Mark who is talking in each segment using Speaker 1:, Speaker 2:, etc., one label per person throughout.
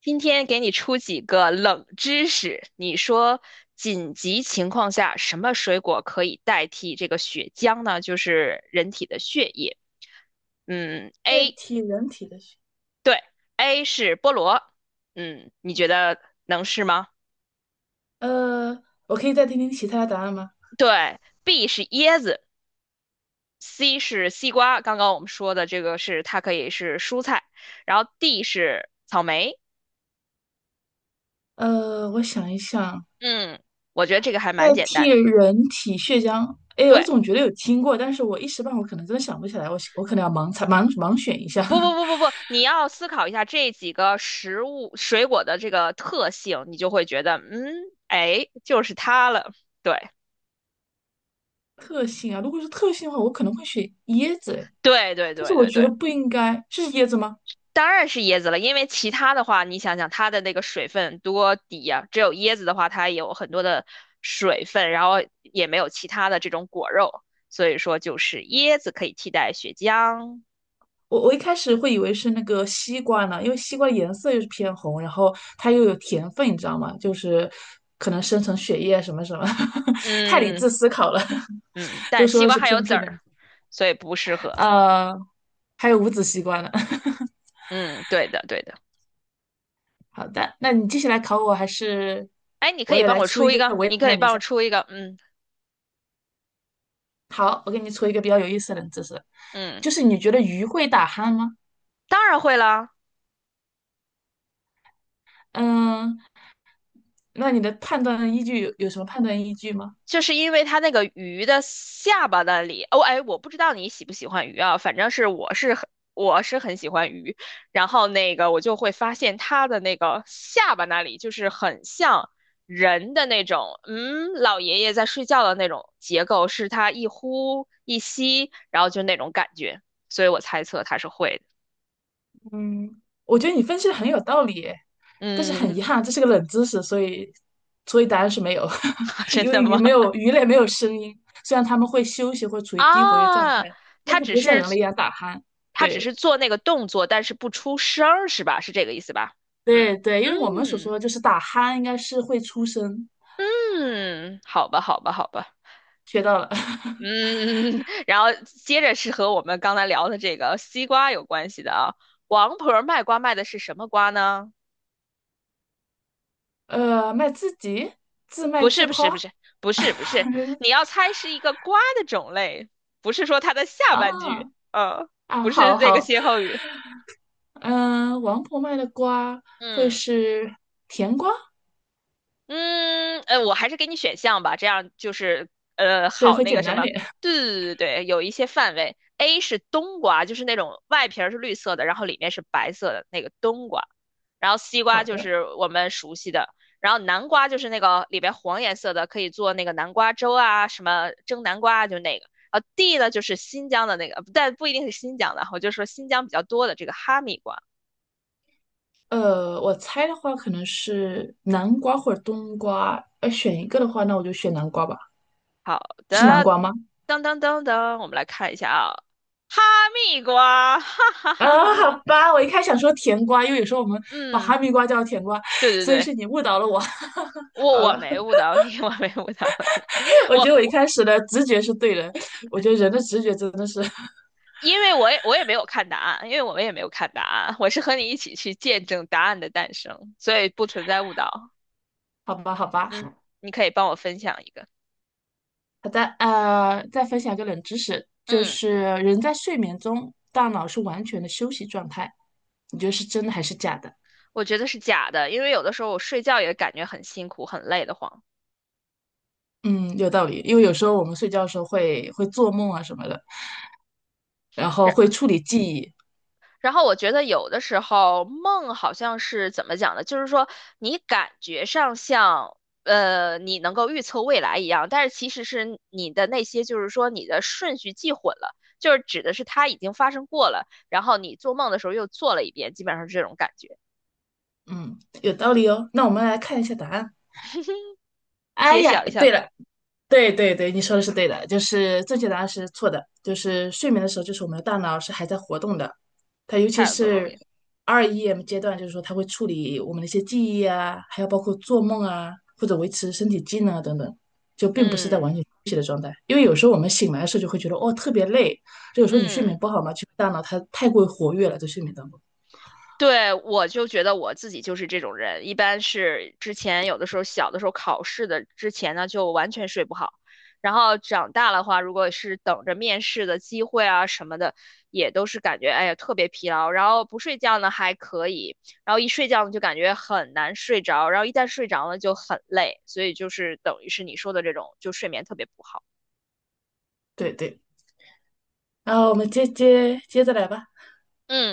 Speaker 1: 今天给你出几个冷知识，你说紧急情况下什么水果可以代替这个血浆呢？就是人体的血液。嗯
Speaker 2: 代
Speaker 1: ，A，
Speaker 2: 替人体的血，
Speaker 1: 对，A 是菠萝。嗯，你觉得能是吗？
Speaker 2: 呃，我可以再听听其他的答案吗？
Speaker 1: 对，B 是椰子，C 是西瓜。刚刚我们说的这个是它可以是蔬菜，然后 D 是草莓。
Speaker 2: 我想一想，
Speaker 1: 嗯，我觉得这个还
Speaker 2: 代
Speaker 1: 蛮简
Speaker 2: 替
Speaker 1: 单的。
Speaker 2: 人体血浆，哎，
Speaker 1: 对。
Speaker 2: 我总觉得有听过，但是我一时半会儿可能真的想不起来，我可能要盲猜盲选一下
Speaker 1: 不不 不不不，你要思考一下这几个食物水果的这个特性，你就会觉得，嗯，哎，就是它了。对
Speaker 2: 特性啊。如果是特性的话，我可能会选椰子哎，诶
Speaker 1: 对对
Speaker 2: 但是
Speaker 1: 对
Speaker 2: 我
Speaker 1: 对
Speaker 2: 觉
Speaker 1: 对，
Speaker 2: 得不应该是椰子吗？
Speaker 1: 当然是椰子了，因为其他的话，你想想它的那个水分多低呀、只有椰子的话，它有很多的水分，然后也没有其他的这种果肉，所以说就是椰子可以替代血浆。
Speaker 2: 我一开始会以为是那个西瓜呢，因为西瓜颜色又是偏红，然后它又有甜分，你知道吗？就是可能生成血液啊什么什么，太理
Speaker 1: 嗯
Speaker 2: 智思考了，
Speaker 1: 嗯，但
Speaker 2: 都
Speaker 1: 是
Speaker 2: 说
Speaker 1: 西
Speaker 2: 的
Speaker 1: 瓜
Speaker 2: 是
Speaker 1: 还有
Speaker 2: 偏
Speaker 1: 籽
Speaker 2: 僻的，
Speaker 1: 儿，所以不适合。
Speaker 2: 呃，还有无籽西瓜呢。
Speaker 1: 嗯，对的对的。
Speaker 2: 好的，那你接下来考我，还是
Speaker 1: 哎，你可
Speaker 2: 我
Speaker 1: 以
Speaker 2: 也
Speaker 1: 帮
Speaker 2: 来
Speaker 1: 我
Speaker 2: 出
Speaker 1: 出
Speaker 2: 一
Speaker 1: 一
Speaker 2: 个
Speaker 1: 个，
Speaker 2: 为
Speaker 1: 你可以
Speaker 2: 难你一
Speaker 1: 帮我
Speaker 2: 下。
Speaker 1: 出一个，嗯
Speaker 2: 好，我给你出一个比较有意思的冷知识，
Speaker 1: 嗯，
Speaker 2: 就是你觉得鱼会打鼾吗？
Speaker 1: 当然会啦，
Speaker 2: 嗯，那你的判断依据有什么判断依据吗？
Speaker 1: 就是因为它那个鱼的下巴那里，哦，哎，我不知道你喜不喜欢鱼啊，反正是我是很喜欢鱼，然后那个我就会发现它的那个下巴那里就是很像人的那种，嗯，老爷爷在睡觉的那种结构，是它一呼一吸，然后就那种感觉，所以我猜测它是会的，
Speaker 2: 嗯，我觉得你分析的很有道理耶，但是很遗
Speaker 1: 嗯，
Speaker 2: 憾，这是个冷知识，所以答案是没有，
Speaker 1: 真
Speaker 2: 因
Speaker 1: 的
Speaker 2: 为
Speaker 1: 吗？
Speaker 2: 鱼类没有声音，虽然它们会休息或处于低活跃状态，
Speaker 1: 啊，
Speaker 2: 但
Speaker 1: 他
Speaker 2: 它不
Speaker 1: 只
Speaker 2: 会像
Speaker 1: 是
Speaker 2: 人类一样打鼾。对
Speaker 1: 做那个动作，但是不出声儿，是吧？是这个意思吧？嗯
Speaker 2: 对对，因为我们所说
Speaker 1: 嗯
Speaker 2: 的就是打鼾，应该是会出声，
Speaker 1: 嗯，好吧，好吧，好吧。
Speaker 2: 学到了。
Speaker 1: 嗯，然后接着是和我们刚才聊的这个西瓜有关系的啊。王婆儿卖瓜卖的是什么瓜呢？
Speaker 2: 卖自己，自卖
Speaker 1: 不是，
Speaker 2: 自
Speaker 1: 不是，不
Speaker 2: 夸
Speaker 1: 是，不是，不是，你要猜是一个瓜的种类，不是说它的下半句，
Speaker 2: 啊
Speaker 1: 嗯，
Speaker 2: 啊，
Speaker 1: 不
Speaker 2: 好
Speaker 1: 是这个
Speaker 2: 好，
Speaker 1: 歇后语，
Speaker 2: 嗯，王婆卖的瓜会
Speaker 1: 嗯。
Speaker 2: 是甜瓜，
Speaker 1: 嗯，我还是给你选项吧，这样就是
Speaker 2: 对，
Speaker 1: 好
Speaker 2: 会
Speaker 1: 那个
Speaker 2: 简
Speaker 1: 什
Speaker 2: 单
Speaker 1: 么，
Speaker 2: 点。
Speaker 1: 对对对对有一些范围。A 是冬瓜，就是那种外皮儿是绿色的，然后里面是白色的那个冬瓜。然后西
Speaker 2: 好
Speaker 1: 瓜就
Speaker 2: 的。
Speaker 1: 是我们熟悉的，然后南瓜就是那个里边黄颜色的，可以做那个南瓜粥啊，什么蒸南瓜啊就那个。D 呢，就是新疆的那个，但不一定是新疆的，我就说新疆比较多的这个哈密瓜。
Speaker 2: 我猜的话可能是南瓜或者冬瓜，要选一个的话，那我就选南瓜吧。
Speaker 1: 好
Speaker 2: 是南
Speaker 1: 的，
Speaker 2: 瓜吗？
Speaker 1: 噔噔噔噔，我们来看一下啊，哈密瓜，哈哈
Speaker 2: 啊，
Speaker 1: 哈哈哈，
Speaker 2: 好吧，我一开始想说甜瓜，因为有时候我们把
Speaker 1: 嗯，
Speaker 2: 哈密瓜叫甜瓜，
Speaker 1: 对对
Speaker 2: 所以
Speaker 1: 对，
Speaker 2: 是你误导了我。
Speaker 1: 我
Speaker 2: 好
Speaker 1: 我
Speaker 2: 了，
Speaker 1: 没误导你，我没误导你，
Speaker 2: 我
Speaker 1: 我
Speaker 2: 觉得我一
Speaker 1: 我
Speaker 2: 开始的直觉是对的，我觉得人的直觉真的是，
Speaker 1: 因为我也没有看答案，因为我们也没有看答案，我是和你一起去见证答案的诞生，所以不存在误导。
Speaker 2: 好吧，好吧。
Speaker 1: 嗯，你可以帮我分享一个。
Speaker 2: 好的，再分享一个冷知识，就
Speaker 1: 嗯，
Speaker 2: 是人在睡眠中，大脑是完全的休息状态，你觉得是真的还是假的？
Speaker 1: 我觉得是假的，因为有的时候我睡觉也感觉很辛苦、很累的慌。
Speaker 2: 嗯，有道理，因为有时候我们睡觉的时候会做梦啊什么的，然后会处理记忆。
Speaker 1: 然后我觉得有的时候梦好像是怎么讲呢？就是说你感觉上像你能够预测未来一样，但是其实是你的那些就是说你的顺序记混了，就是指的是它已经发生过了，然后你做梦的时候又做了一遍，基本上是这种感觉。
Speaker 2: 嗯，有道理哦。那我们来看一下答案。哎
Speaker 1: 揭
Speaker 2: 呀，
Speaker 1: 晓一
Speaker 2: 对
Speaker 1: 下，
Speaker 2: 了，对对对，你说的是对的，就是正确答案是错的，就是睡眠的时候，就是我们的大脑是还在活动的，它尤其
Speaker 1: 太不容
Speaker 2: 是
Speaker 1: 易。
Speaker 2: REM 阶段，就是说它会处理我们的一些记忆啊，还有包括做梦啊，或者维持身体机能啊等等，就并不是在
Speaker 1: 嗯
Speaker 2: 完全休息的状态。因为有时候我们醒来的时候就会觉得哦特别累，就个时候你睡
Speaker 1: 嗯。
Speaker 2: 眠不好嘛，就大脑它太过于活跃了，在睡眠当中。
Speaker 1: 对，我就觉得我自己就是这种人，一般是之前有的时候小的时候考试的之前呢，就完全睡不好，然后长大的话，如果是等着面试的机会啊什么的，也都是感觉哎呀特别疲劳，然后不睡觉呢还可以，然后一睡觉呢就感觉很难睡着，然后一旦睡着了就很累，所以就是等于是你说的这种，就睡眠特别不好。
Speaker 2: 对对，然后我们接着来吧，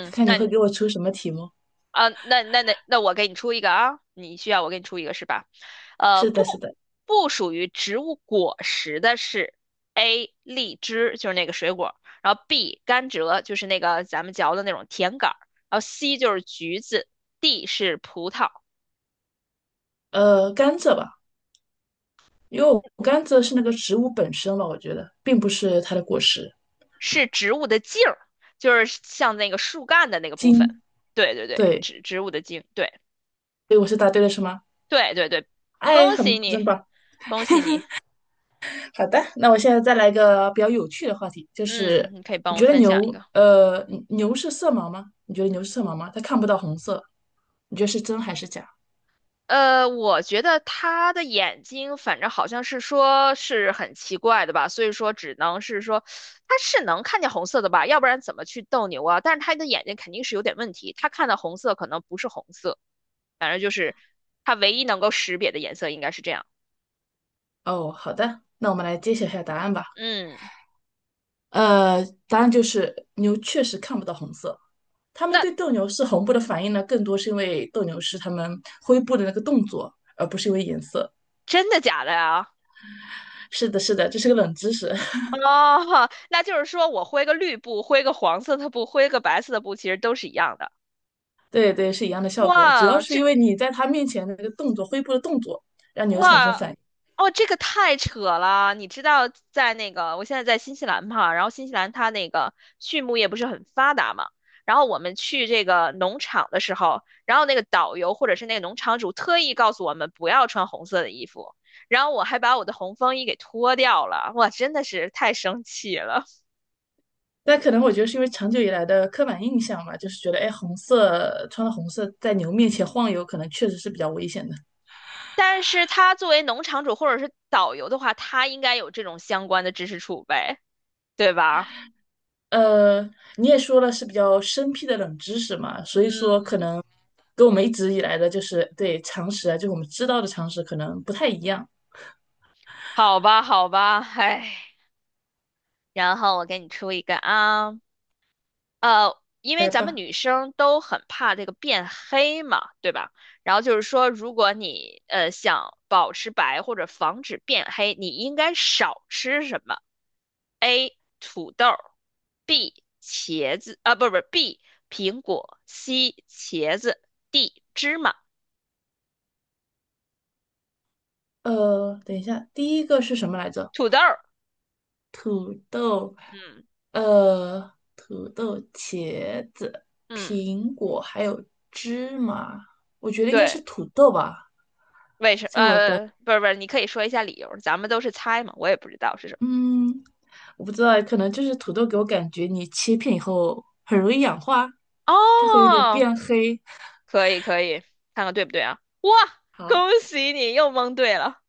Speaker 2: 看看
Speaker 1: 那
Speaker 2: 你会
Speaker 1: 你
Speaker 2: 给我出什么题目。
Speaker 1: 啊，那我给你出一个啊，你需要我给你出一个是吧？呃，
Speaker 2: 是
Speaker 1: 不
Speaker 2: 的，是的。
Speaker 1: 不属于植物果实的是 A 荔枝，就是那个水果，然后 B 甘蔗，就是那个咱们嚼的那种甜杆儿，然后 C 就是橘子，D 是葡萄，
Speaker 2: 甘蔗吧，因为我甘蔗是那个植物本身嘛，我觉得并不是它的果实
Speaker 1: 是植物的茎儿，就是像那个树干的那个部分。
Speaker 2: 金，
Speaker 1: 对对对，
Speaker 2: 对，
Speaker 1: 植物的茎，对
Speaker 2: 所以我是答对了，是吗？
Speaker 1: 对对对，
Speaker 2: 哎，
Speaker 1: 恭喜
Speaker 2: 很真
Speaker 1: 你，
Speaker 2: 棒。
Speaker 1: 恭喜你，
Speaker 2: 好的，那我现在再来一个比较有趣的话题，就是
Speaker 1: 嗯，你可以
Speaker 2: 你
Speaker 1: 帮我
Speaker 2: 觉得
Speaker 1: 分享一
Speaker 2: 牛，
Speaker 1: 个。
Speaker 2: 牛是色盲吗？你觉得牛是色盲吗？它看不到红色，你觉得是真还是假？
Speaker 1: 我觉得他的眼睛，反正好像是说是很奇怪的吧，所以说只能是说他是能看见红色的吧，要不然怎么去斗牛啊？但是他的眼睛肯定是有点问题，他看的红色可能不是红色，反正就是他唯一能够识别的颜色应该是这样。
Speaker 2: 哦，好的，那我们来揭晓一下答案吧。
Speaker 1: 嗯，
Speaker 2: 答案就是牛确实看不到红色。他们
Speaker 1: 那
Speaker 2: 对斗牛士红布的反应呢，更多是因为斗牛士他们挥布的那个动作，而不是因为颜色。
Speaker 1: 真的假的呀？
Speaker 2: 是的，是的，这是个冷知识。
Speaker 1: 哦，那就是说我挥个绿布，挥个黄色的布，挥个白色的布，其实都是一样的。
Speaker 2: 对对，是一样的效果，主要
Speaker 1: 哇，
Speaker 2: 是
Speaker 1: 这
Speaker 2: 因为你在他面前的那个动作，挥布的动作，让牛产生
Speaker 1: 哇，
Speaker 2: 反应。
Speaker 1: 哦，这个太扯了！你知道，在那个我现在在新西兰嘛，然后新西兰它那个畜牧业不是很发达嘛，然后我们去这个农场的时候，然后那个导游或者是那个农场主特意告诉我们不要穿红色的衣服，然后我还把我的红风衣给脱掉了，哇，真的是太生气了。
Speaker 2: 但可能我觉得是因为长久以来的刻板印象嘛，就是觉得哎，红色穿了红色在牛面前晃悠，可能确实是比较危险的。
Speaker 1: 但是他作为农场主或者是导游的话，他应该有这种相关的知识储备，对吧？
Speaker 2: 呃，你也说了是比较生僻的冷知识嘛，所以说
Speaker 1: 嗯，
Speaker 2: 可能跟我们一直以来的就是对常识啊，就我们知道的常识可能不太一样。
Speaker 1: 好吧，好吧，唉。然后我给你出一个啊，因为
Speaker 2: 来
Speaker 1: 咱们
Speaker 2: 吧，
Speaker 1: 女生都很怕这个变黑嘛，对吧？然后就是说，如果你想保持白或者防止变黑，你应该少吃什么？A. 土豆儿，B. 茄子，啊，不不，B. 苹果，C. 茄子，D. 芝麻。
Speaker 2: 等一下，第一个是什么来着？
Speaker 1: 土豆儿，
Speaker 2: 土豆，
Speaker 1: 嗯
Speaker 2: 土豆、茄子、
Speaker 1: 嗯，
Speaker 2: 苹果还有芝麻，我觉得应该是
Speaker 1: 对，
Speaker 2: 土豆吧。
Speaker 1: 不是不是，你可以说一下理由，咱们都是猜嘛，我也不知道是什么。
Speaker 2: 嗯，我不知道，可能就是土豆给我感觉你切片以后很容易氧化，它会有点
Speaker 1: 哦，
Speaker 2: 变黑。
Speaker 1: 可以可以，看看对不对啊？哇，恭
Speaker 2: 好，
Speaker 1: 喜你又蒙对了，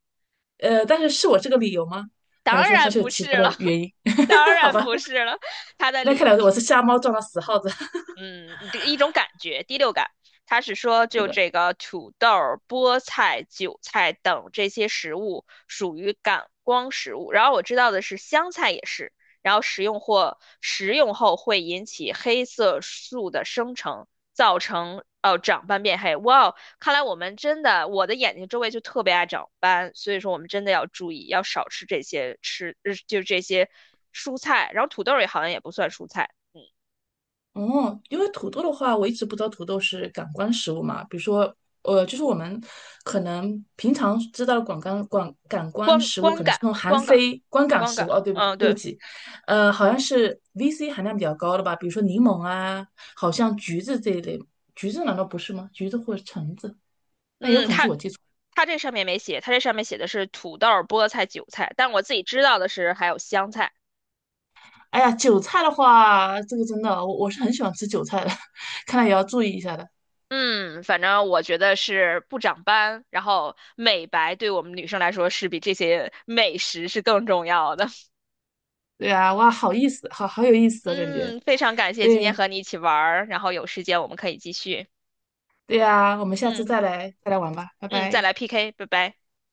Speaker 2: 但是是我这个理由吗？还是
Speaker 1: 当
Speaker 2: 说它
Speaker 1: 然
Speaker 2: 是有
Speaker 1: 不
Speaker 2: 其
Speaker 1: 是
Speaker 2: 他
Speaker 1: 了，
Speaker 2: 的 原因？
Speaker 1: 当
Speaker 2: 好
Speaker 1: 然
Speaker 2: 吧，
Speaker 1: 不是了，他的
Speaker 2: 那
Speaker 1: 理
Speaker 2: 看来
Speaker 1: 由是。
Speaker 2: 我是瞎猫撞到死耗子。
Speaker 1: 嗯，你的一种感觉，第六感，他是说
Speaker 2: 是
Speaker 1: 就
Speaker 2: 的，
Speaker 1: 这个土豆儿、菠菜、韭菜等这些食物属于感光食物。然后我知道的是香菜也是，然后食用或食用后会引起黑色素的生成，造成哦长斑变黑。哇哦，看来我们真的，我的眼睛周围就特别爱长斑，所以说我们真的要注意，要少吃这些吃，就这些蔬菜。然后土豆儿也好像也不算蔬菜。
Speaker 2: 哦，因为土豆的话，我一直不知道土豆是感官食物嘛。比如说，就是我们可能平常知道的广感官
Speaker 1: 光
Speaker 2: 食物，
Speaker 1: 光
Speaker 2: 可能是
Speaker 1: 感
Speaker 2: 那种含
Speaker 1: 光感
Speaker 2: C 观感
Speaker 1: 光
Speaker 2: 食物。
Speaker 1: 感，
Speaker 2: 哦，对不对？
Speaker 1: 嗯，
Speaker 2: 对不
Speaker 1: 对，
Speaker 2: 起，好像是 VC 含量比较高的吧，比如说柠檬啊，好像橘子这一类。橘子难道不是吗？橘子或者橙子，那有
Speaker 1: 嗯，
Speaker 2: 可能是我记错。
Speaker 1: 它这上面没写，它这上面写的是土豆、菠菜、韭菜，但我自己知道的是还有香菜。
Speaker 2: 哎呀，韭菜的话，这个真的，我是很喜欢吃韭菜的，看来也要注意一下的。
Speaker 1: 嗯，反正我觉得是不长斑，然后美白对我们女生来说是比这些美食是更重要的。
Speaker 2: 对呀，哇，好意思，好好有意思的感觉。
Speaker 1: 嗯，非常感谢今天
Speaker 2: 对
Speaker 1: 和你一起玩儿，然后有时间我们可以继续。
Speaker 2: 对呀，我们下次
Speaker 1: 嗯
Speaker 2: 再来玩吧，拜
Speaker 1: 嗯，再
Speaker 2: 拜。
Speaker 1: 来 PK，拜拜。